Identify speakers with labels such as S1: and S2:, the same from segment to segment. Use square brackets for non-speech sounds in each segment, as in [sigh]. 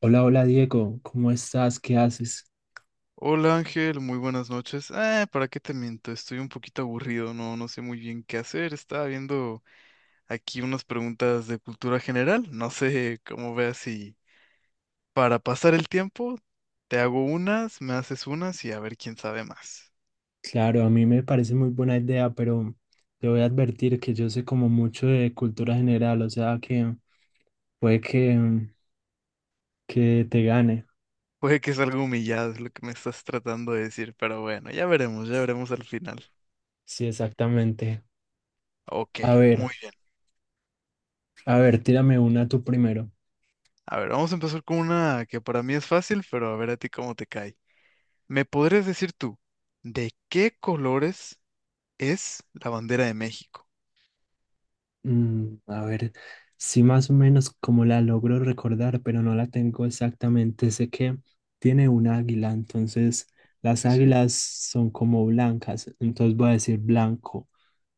S1: Hola, hola Diego, ¿cómo estás? ¿Qué haces?
S2: Hola Ángel, muy buenas noches. Ah, ¿para qué te miento? Estoy un poquito aburrido, no, no sé muy bien qué hacer. Estaba viendo aquí unas preguntas de cultura general. No sé cómo veas si para pasar el tiempo te hago unas, me haces unas y a ver quién sabe más.
S1: Claro, a mí me parece muy buena idea, pero te voy a advertir que yo sé como mucho de cultura general, o sea que puede que te gane.
S2: Puede que es algo humillado es lo que me estás tratando de decir, pero bueno, ya veremos al final.
S1: Sí, exactamente.
S2: Ok,
S1: A ver,
S2: muy bien.
S1: a ver, tírame una tú primero.
S2: A ver, vamos a empezar con una que para mí es fácil, pero a ver a ti cómo te cae. ¿Me podrías decir tú de qué colores? Es la bandera de México.
S1: A ver, sí más o menos como la logro recordar, pero no la tengo exactamente. Sé que tiene un águila, entonces las
S2: Sí, sí,
S1: águilas son como blancas, entonces voy a decir blanco.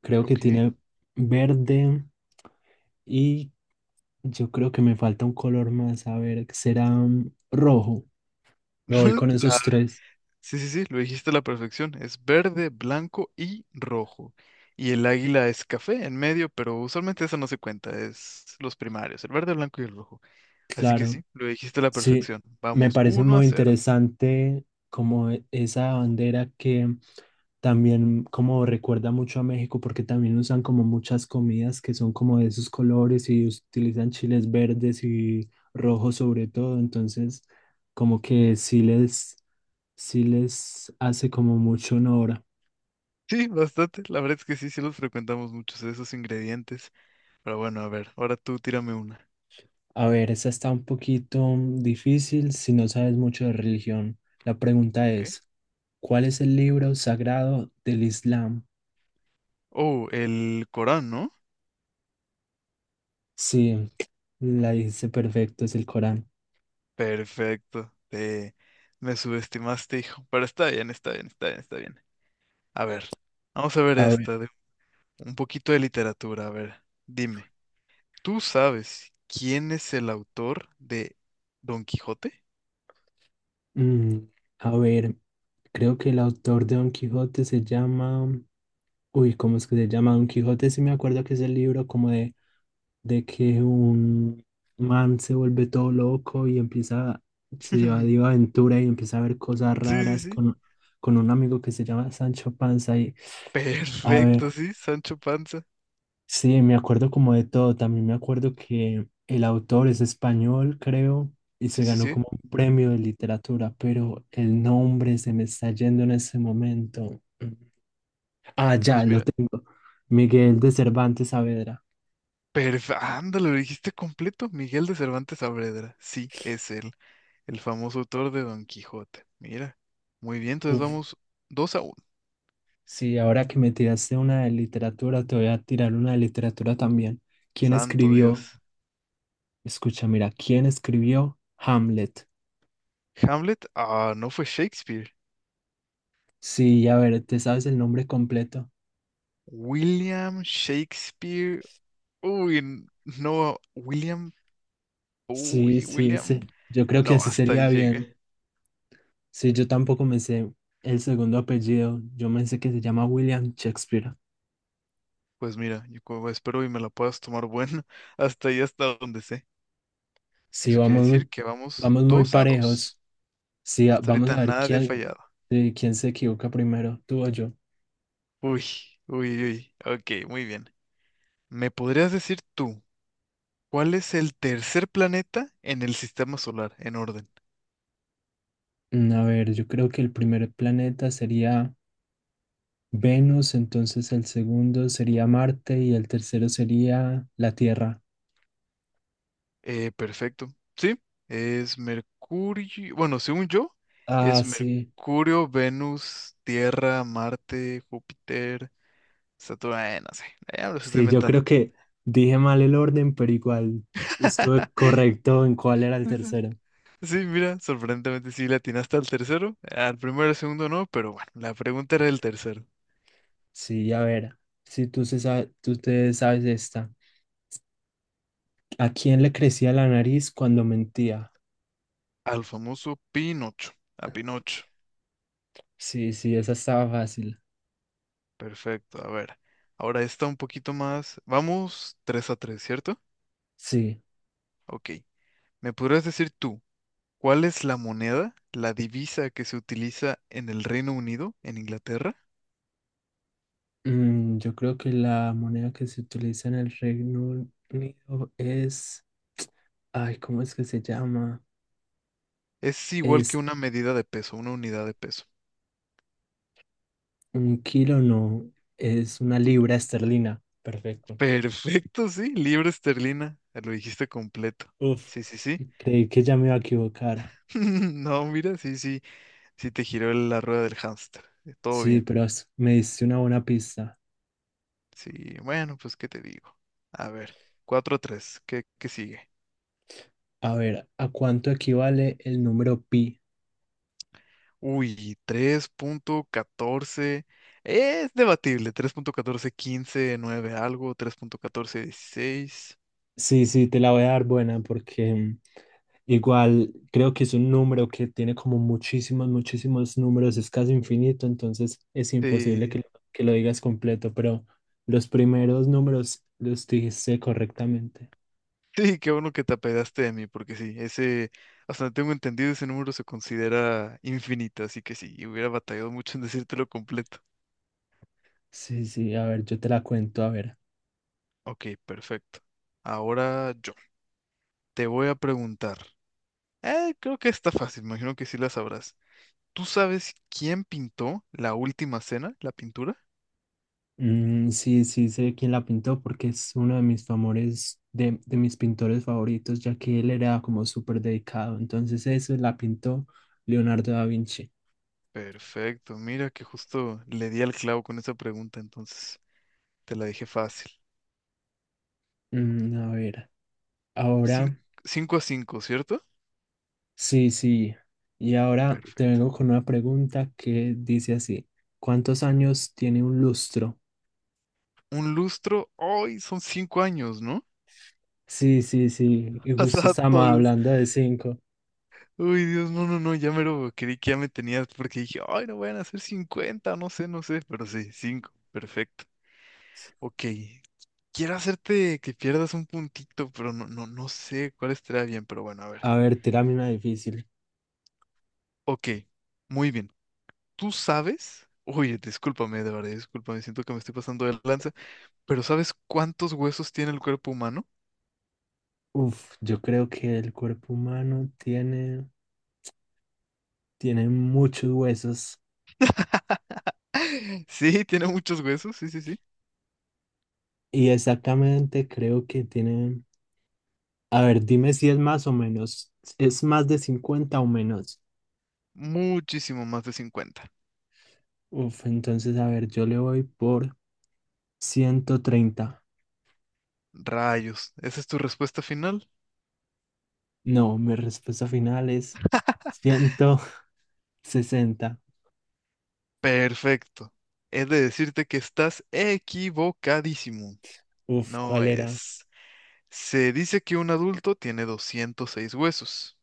S1: Creo que
S2: ok.
S1: tiene verde y yo creo que me falta un color más. A ver, será rojo. Me voy
S2: [laughs]
S1: con
S2: La-
S1: esos tres,
S2: sí, sí, sí, lo dijiste a la perfección. Es verde, blanco y rojo. Y el águila es café en medio, pero usualmente eso no se cuenta, es los primarios, el verde, blanco y el rojo. Así que
S1: claro.
S2: sí, lo dijiste a la
S1: Sí,
S2: perfección.
S1: me
S2: Vamos,
S1: parece
S2: uno a
S1: muy
S2: cero
S1: interesante como esa bandera que también como recuerda mucho a México porque también usan como muchas comidas que son como de esos colores y utilizan chiles verdes y rojos sobre todo. Entonces, como que sí les hace como mucho honor.
S2: Sí, bastante. La verdad es que sí, sí los frecuentamos muchos de esos ingredientes. Pero bueno, a ver, ahora tú tírame una.
S1: A ver, esa está un poquito difícil si no sabes mucho de religión. La pregunta
S2: Ok.
S1: es, ¿cuál es el libro sagrado del Islam?
S2: Oh, el Corán, ¿no?
S1: Sí, la hice perfecto, es el Corán.
S2: Perfecto. Me subestimaste, hijo. Pero está bien, está bien, está bien, está bien. A ver, vamos a ver
S1: A ver,
S2: esta, de un poquito de literatura. A ver, dime, ¿tú sabes quién es el autor de Don Quijote?
S1: mm, a ver. Creo que el autor de Don Quijote se llama, uy, ¿cómo es que se llama? Don Quijote, sí me acuerdo que es el libro como de que un man se vuelve todo loco y empieza, se va de
S2: [laughs]
S1: aventura y empieza a ver cosas
S2: Sí, sí,
S1: raras
S2: sí.
S1: con un amigo que se llama Sancho Panza y, a
S2: Perfecto,
S1: ver,
S2: sí, Sancho Panza.
S1: sí, me acuerdo como de todo, también me acuerdo que el autor es español, creo, y se
S2: Sí, sí,
S1: ganó
S2: sí.
S1: como un premio de literatura, pero el nombre se me está yendo en ese momento. Ah, ya
S2: Pues
S1: lo
S2: mira,
S1: tengo. Miguel de Cervantes Saavedra.
S2: perfecto. Ándale, lo dijiste completo. Miguel de Cervantes Saavedra. Sí, es él. El famoso autor de Don Quijote. Mira. Muy bien, entonces
S1: Uf,
S2: vamos 2-1.
S1: sí, ahora que me tiraste una de literatura, te voy a tirar una de literatura también. ¿Quién
S2: Santo
S1: escribió?
S2: Dios.
S1: Escucha, mira, ¿quién escribió Hamlet?
S2: Hamlet. Ah, no fue Shakespeare.
S1: Sí, a ver, ¿te sabes el nombre completo?
S2: William Shakespeare. Uy, no. William.
S1: Sí,
S2: Uy,
S1: sí, sí.
S2: William.
S1: Yo creo que
S2: No,
S1: así
S2: hasta ahí
S1: sería
S2: llegué.
S1: bien. Sí, yo tampoco me sé el segundo apellido. Yo me sé que se llama William Shakespeare.
S2: Pues mira, yo como espero y me la puedas tomar bueno. [laughs] Hasta ahí, hasta donde sé.
S1: Sí,
S2: Eso quiere
S1: vamos
S2: decir
S1: muy,
S2: que vamos
S1: vamos muy
S2: dos a
S1: parejos.
S2: dos,
S1: Sí,
S2: Hasta
S1: vamos
S2: ahorita
S1: a ver
S2: nadie ha
S1: quién,
S2: fallado.
S1: eh, quién se equivoca primero, tú o yo.
S2: Uy, uy, uy. Ok, muy bien. ¿Me podrías decir tú? ¿Cuál es el tercer planeta en el sistema solar en orden?
S1: A ver, yo creo que el primer planeta sería Venus, entonces el segundo sería Marte y el tercero sería la Tierra.
S2: Perfecto. Sí, es Mercurio. Bueno, según yo,
S1: Ah,
S2: es
S1: sí.
S2: Mercurio, Venus, Tierra, Marte, Júpiter, Saturno. No sé, ya me lo estoy
S1: Sí, yo
S2: inventando.
S1: creo que dije mal el orden, pero igual estuve
S2: [laughs]
S1: correcto en cuál era el tercero.
S2: Sí, mira, sorprendentemente sí le atinaste al tercero. Al primero y al segundo no, pero bueno, la pregunta era el tercero.
S1: Sí, a ver, si tú te sabes esta. ¿A quién le crecía la nariz cuando mentía?
S2: Al famoso Pinocho. A Pinocho.
S1: Sí, sí, esa estaba fácil.
S2: Perfecto, a ver. Ahora está un poquito más. Vamos 3-3, ¿cierto?
S1: Sí.
S2: Ok. ¿Me podrías decir tú cuál es la moneda, la divisa que se utiliza en el Reino Unido, en Inglaterra?
S1: Yo creo que la moneda que se utiliza en el Reino Unido es, ay, ¿cómo es que se llama?
S2: Es igual que
S1: Es
S2: una medida de peso, una unidad de peso.
S1: un kilo, no, es una libra esterlina.
S2: [laughs]
S1: Perfecto.
S2: Perfecto, sí, libra esterlina. Lo dijiste completo.
S1: Uf,
S2: Sí, sí, sí.
S1: creí que ya me iba a equivocar.
S2: [laughs] No, mira, sí, sí, sí te giró la rueda del hámster. Todo
S1: Sí,
S2: bien.
S1: pero me diste una buena pista.
S2: Sí, bueno, pues, ¿qué te digo? A ver, 4-3, ¿qué sigue?
S1: A ver, ¿a cuánto equivale el número pi?
S2: Uy, 3.14. Es debatible. Tres punto catorce quince nueve algo. 3.14, 16.
S1: Sí, sí, te la voy a dar buena porque igual, creo que es un número que tiene como muchísimos, muchísimos números, es casi infinito, entonces es imposible
S2: Sí.
S1: que lo digas completo, pero los primeros números los dijiste correctamente.
S2: Sí, qué bueno que te apedaste de mí, porque sí, ese, hasta donde tengo entendido, ese número se considera infinito, así que sí, hubiera batallado mucho en decírtelo completo.
S1: Sí, sí, a ver, yo te la cuento, a ver.
S2: Ok, perfecto. Ahora yo te voy a preguntar. Creo que está fácil, me imagino que sí la sabrás. ¿Tú sabes quién pintó la última cena, la pintura?
S1: Sí, sí, sé quién la pintó porque es uno de mis favores, de mis pintores favoritos, ya que él era como súper dedicado, entonces eso la pintó Leonardo da Vinci.
S2: Perfecto, mira que justo le di al clavo con esa pregunta, entonces te la dejé fácil.
S1: A ver,
S2: Cin-
S1: ahora...
S2: 5-5, ¿cierto?
S1: Sí, sí. Y ahora te
S2: Perfecto.
S1: vengo con una pregunta que dice así, ¿cuántos años tiene un lustro?
S2: Un lustro, hoy son 5 años, ¿no?
S1: Sí, sí, sí. Y
S2: [laughs]
S1: justo
S2: Pasato,
S1: estamos
S2: Dios.
S1: hablando de 5.
S2: Uy, Dios, no, no, no, ya me lo creí que ya me tenías porque dije, ay, no van a ser 50, no sé, no sé, pero sí, 5, perfecto. Ok, quiero hacerte que pierdas un puntito, pero no, no, no sé cuál estará bien, pero bueno, a ver.
S1: A ver, tírame una difícil.
S2: Ok, muy bien. ¿Tú sabes? Oye, discúlpame, de verdad, discúlpame, siento que me estoy pasando de lanza, pero ¿sabes cuántos huesos tiene el cuerpo humano?
S1: Uf, yo creo que el cuerpo humano tiene muchos huesos.
S2: [laughs] Sí, tiene muchos huesos, sí, sí, sí.
S1: Y exactamente creo que tiene... A ver, dime si es más o menos. ¿Es más de 50 o menos?
S2: Muchísimo más de 50.
S1: Uf, entonces, a ver, yo le voy por 130.
S2: Rayos, ¿esa es tu respuesta final?
S1: No, mi respuesta final es 160.
S2: Perfecto. He de decirte que estás equivocadísimo.
S1: Uf,
S2: No
S1: ¿cuál era?
S2: es. Se dice que un adulto tiene 206 huesos,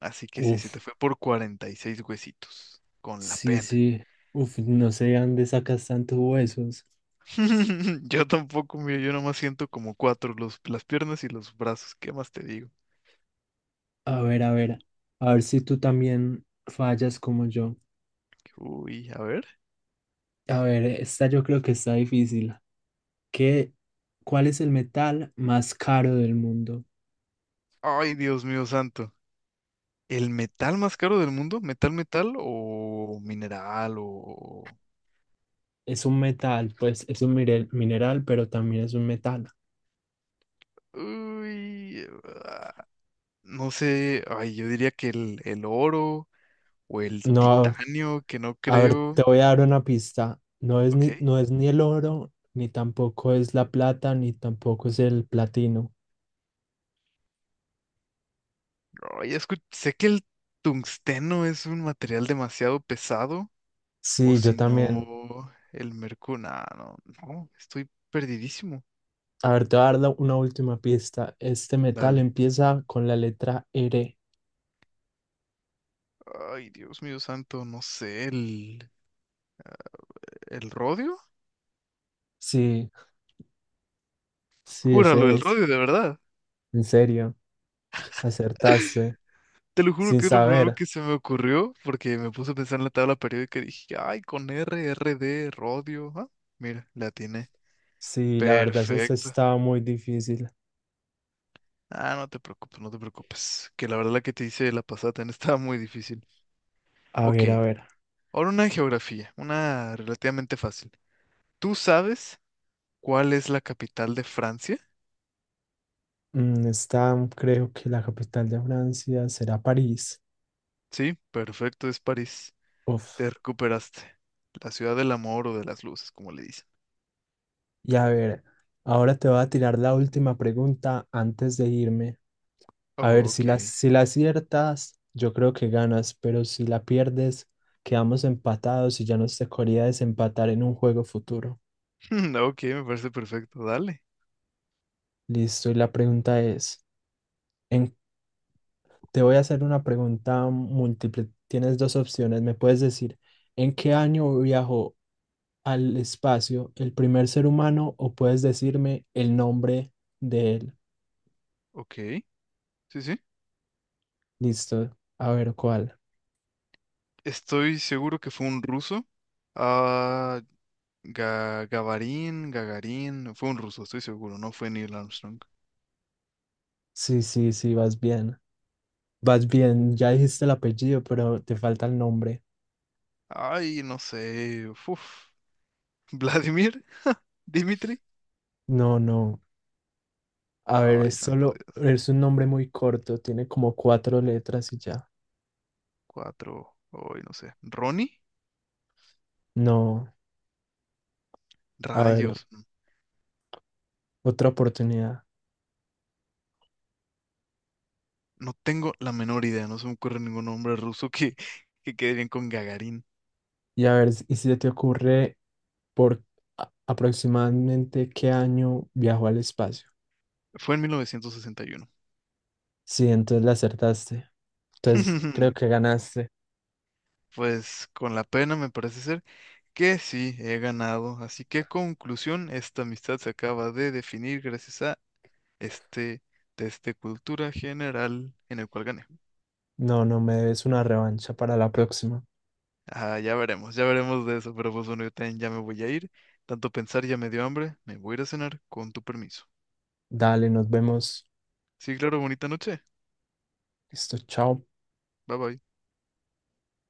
S2: así que sí, se
S1: Uf,
S2: te fue por 46 huesitos, con la
S1: sí,
S2: pena.
S1: sí. Uf, no sé de dónde sacas tantos huesos.
S2: [laughs] Yo tampoco, mira, yo nomás siento como cuatro, las piernas y los brazos. ¿Qué más te digo?
S1: A ver, a ver. A ver si tú también fallas como yo.
S2: Uy, a ver.
S1: A ver, esta yo creo que está difícil. ¿Qué, cuál es el metal más caro del mundo?
S2: Ay, Dios mío santo. ¿El metal más caro del mundo? ¿Metal, metal o mineral o...?
S1: Es un metal, pues es un mineral, pero también es un metal.
S2: Uy, ah, no sé. Ay, yo diría que el oro o el
S1: No,
S2: titanio, que no
S1: a ver, te
S2: creo.
S1: voy a dar una pista. No es
S2: Ok.
S1: ni, no es ni el oro, ni tampoco es la plata, ni tampoco es el platino.
S2: Ay, sé que el tungsteno es un material demasiado pesado. O
S1: Sí, yo
S2: si
S1: también.
S2: no, el mercurio. No, no, estoy perdidísimo.
S1: A ver, te voy a dar una última pista. Este metal
S2: Dale.
S1: empieza con la letra R.
S2: Ay, Dios mío santo, no sé, el rodio.
S1: Sí, sí, ese
S2: Júralo, el
S1: es.
S2: rodio, de verdad.
S1: En serio, acertaste.
S2: Te lo juro
S1: Sin
S2: que es lo primero
S1: saber.
S2: que se me ocurrió porque me puse a pensar en la tabla periódica y dije, ay, con R, r d rodio. Ah, mira, la tiene.
S1: Sí, la verdad es que
S2: Perfecto.
S1: estaba muy difícil.
S2: Ah, no te preocupes, no te preocupes. Que la verdad la que te hice la pasada también [laughs] estaba muy difícil.
S1: A
S2: Ok,
S1: ver, a ver.
S2: ahora una geografía, una relativamente fácil. ¿Tú sabes? ¿Cuál es la capital de Francia?
S1: Está, creo que la capital de Francia será París.
S2: Sí, perfecto, es París.
S1: Uf.
S2: Te recuperaste. La ciudad del amor o de las luces, como le dicen.
S1: Y a ver, ahora te voy a tirar la última pregunta antes de irme. A ver, si
S2: Ok.
S1: la, si la aciertas, yo creo que ganas, pero si la pierdes, quedamos empatados y ya nos tocaría desempatar en un juego futuro.
S2: [laughs] Ok, me parece perfecto. Dale.
S1: Listo, y la pregunta es, en- te voy a hacer una pregunta múltiple. Tienes dos opciones. Me puedes decir, ¿en qué año viajó al espacio el primer ser humano? O puedes decirme el nombre de él.
S2: Ok. Sí, sí.
S1: Listo, a ver cuál.
S2: Estoy seguro que fue un ruso. Ah, Gagarin. Fue un ruso, estoy seguro. No fue Neil Armstrong.
S1: Sí, sí, sí, vas bien. Vas bien, ya dijiste el apellido, pero te falta el nombre.
S2: Ay, no sé. Uf. [laughs] Vladimir, Dimitri.
S1: No, no. A ver,
S2: Ay,
S1: es
S2: santo
S1: solo,
S2: Dios.
S1: es un nombre muy corto, tiene como cuatro letras y ya.
S2: Cuatro. Ay, no sé. Ronnie.
S1: No, a ver,
S2: Rayos.
S1: otra oportunidad.
S2: No tengo la menor idea, no se me ocurre ningún nombre ruso que, quede bien con Gagarin.
S1: Y a ver, ¿y si se te ocurre por aproximadamente qué año viajó al espacio?
S2: Fue en 1961.
S1: Sí, entonces la acertaste. Entonces creo que
S2: [laughs]
S1: ganaste.
S2: Pues con la pena me parece ser que sí, he ganado. Así que conclusión, esta amistad se acaba de definir gracias a este test de cultura general en el cual gané.
S1: No, no, me debes una revancha para la próxima.
S2: Ah, ya veremos de eso, pero pues bueno, yo también ya me voy a ir. Tanto pensar ya me dio hambre, me voy a ir a cenar con tu permiso.
S1: Dale, nos vemos.
S2: Sí, claro, bonita noche.
S1: Listo, chao.
S2: Bye bye.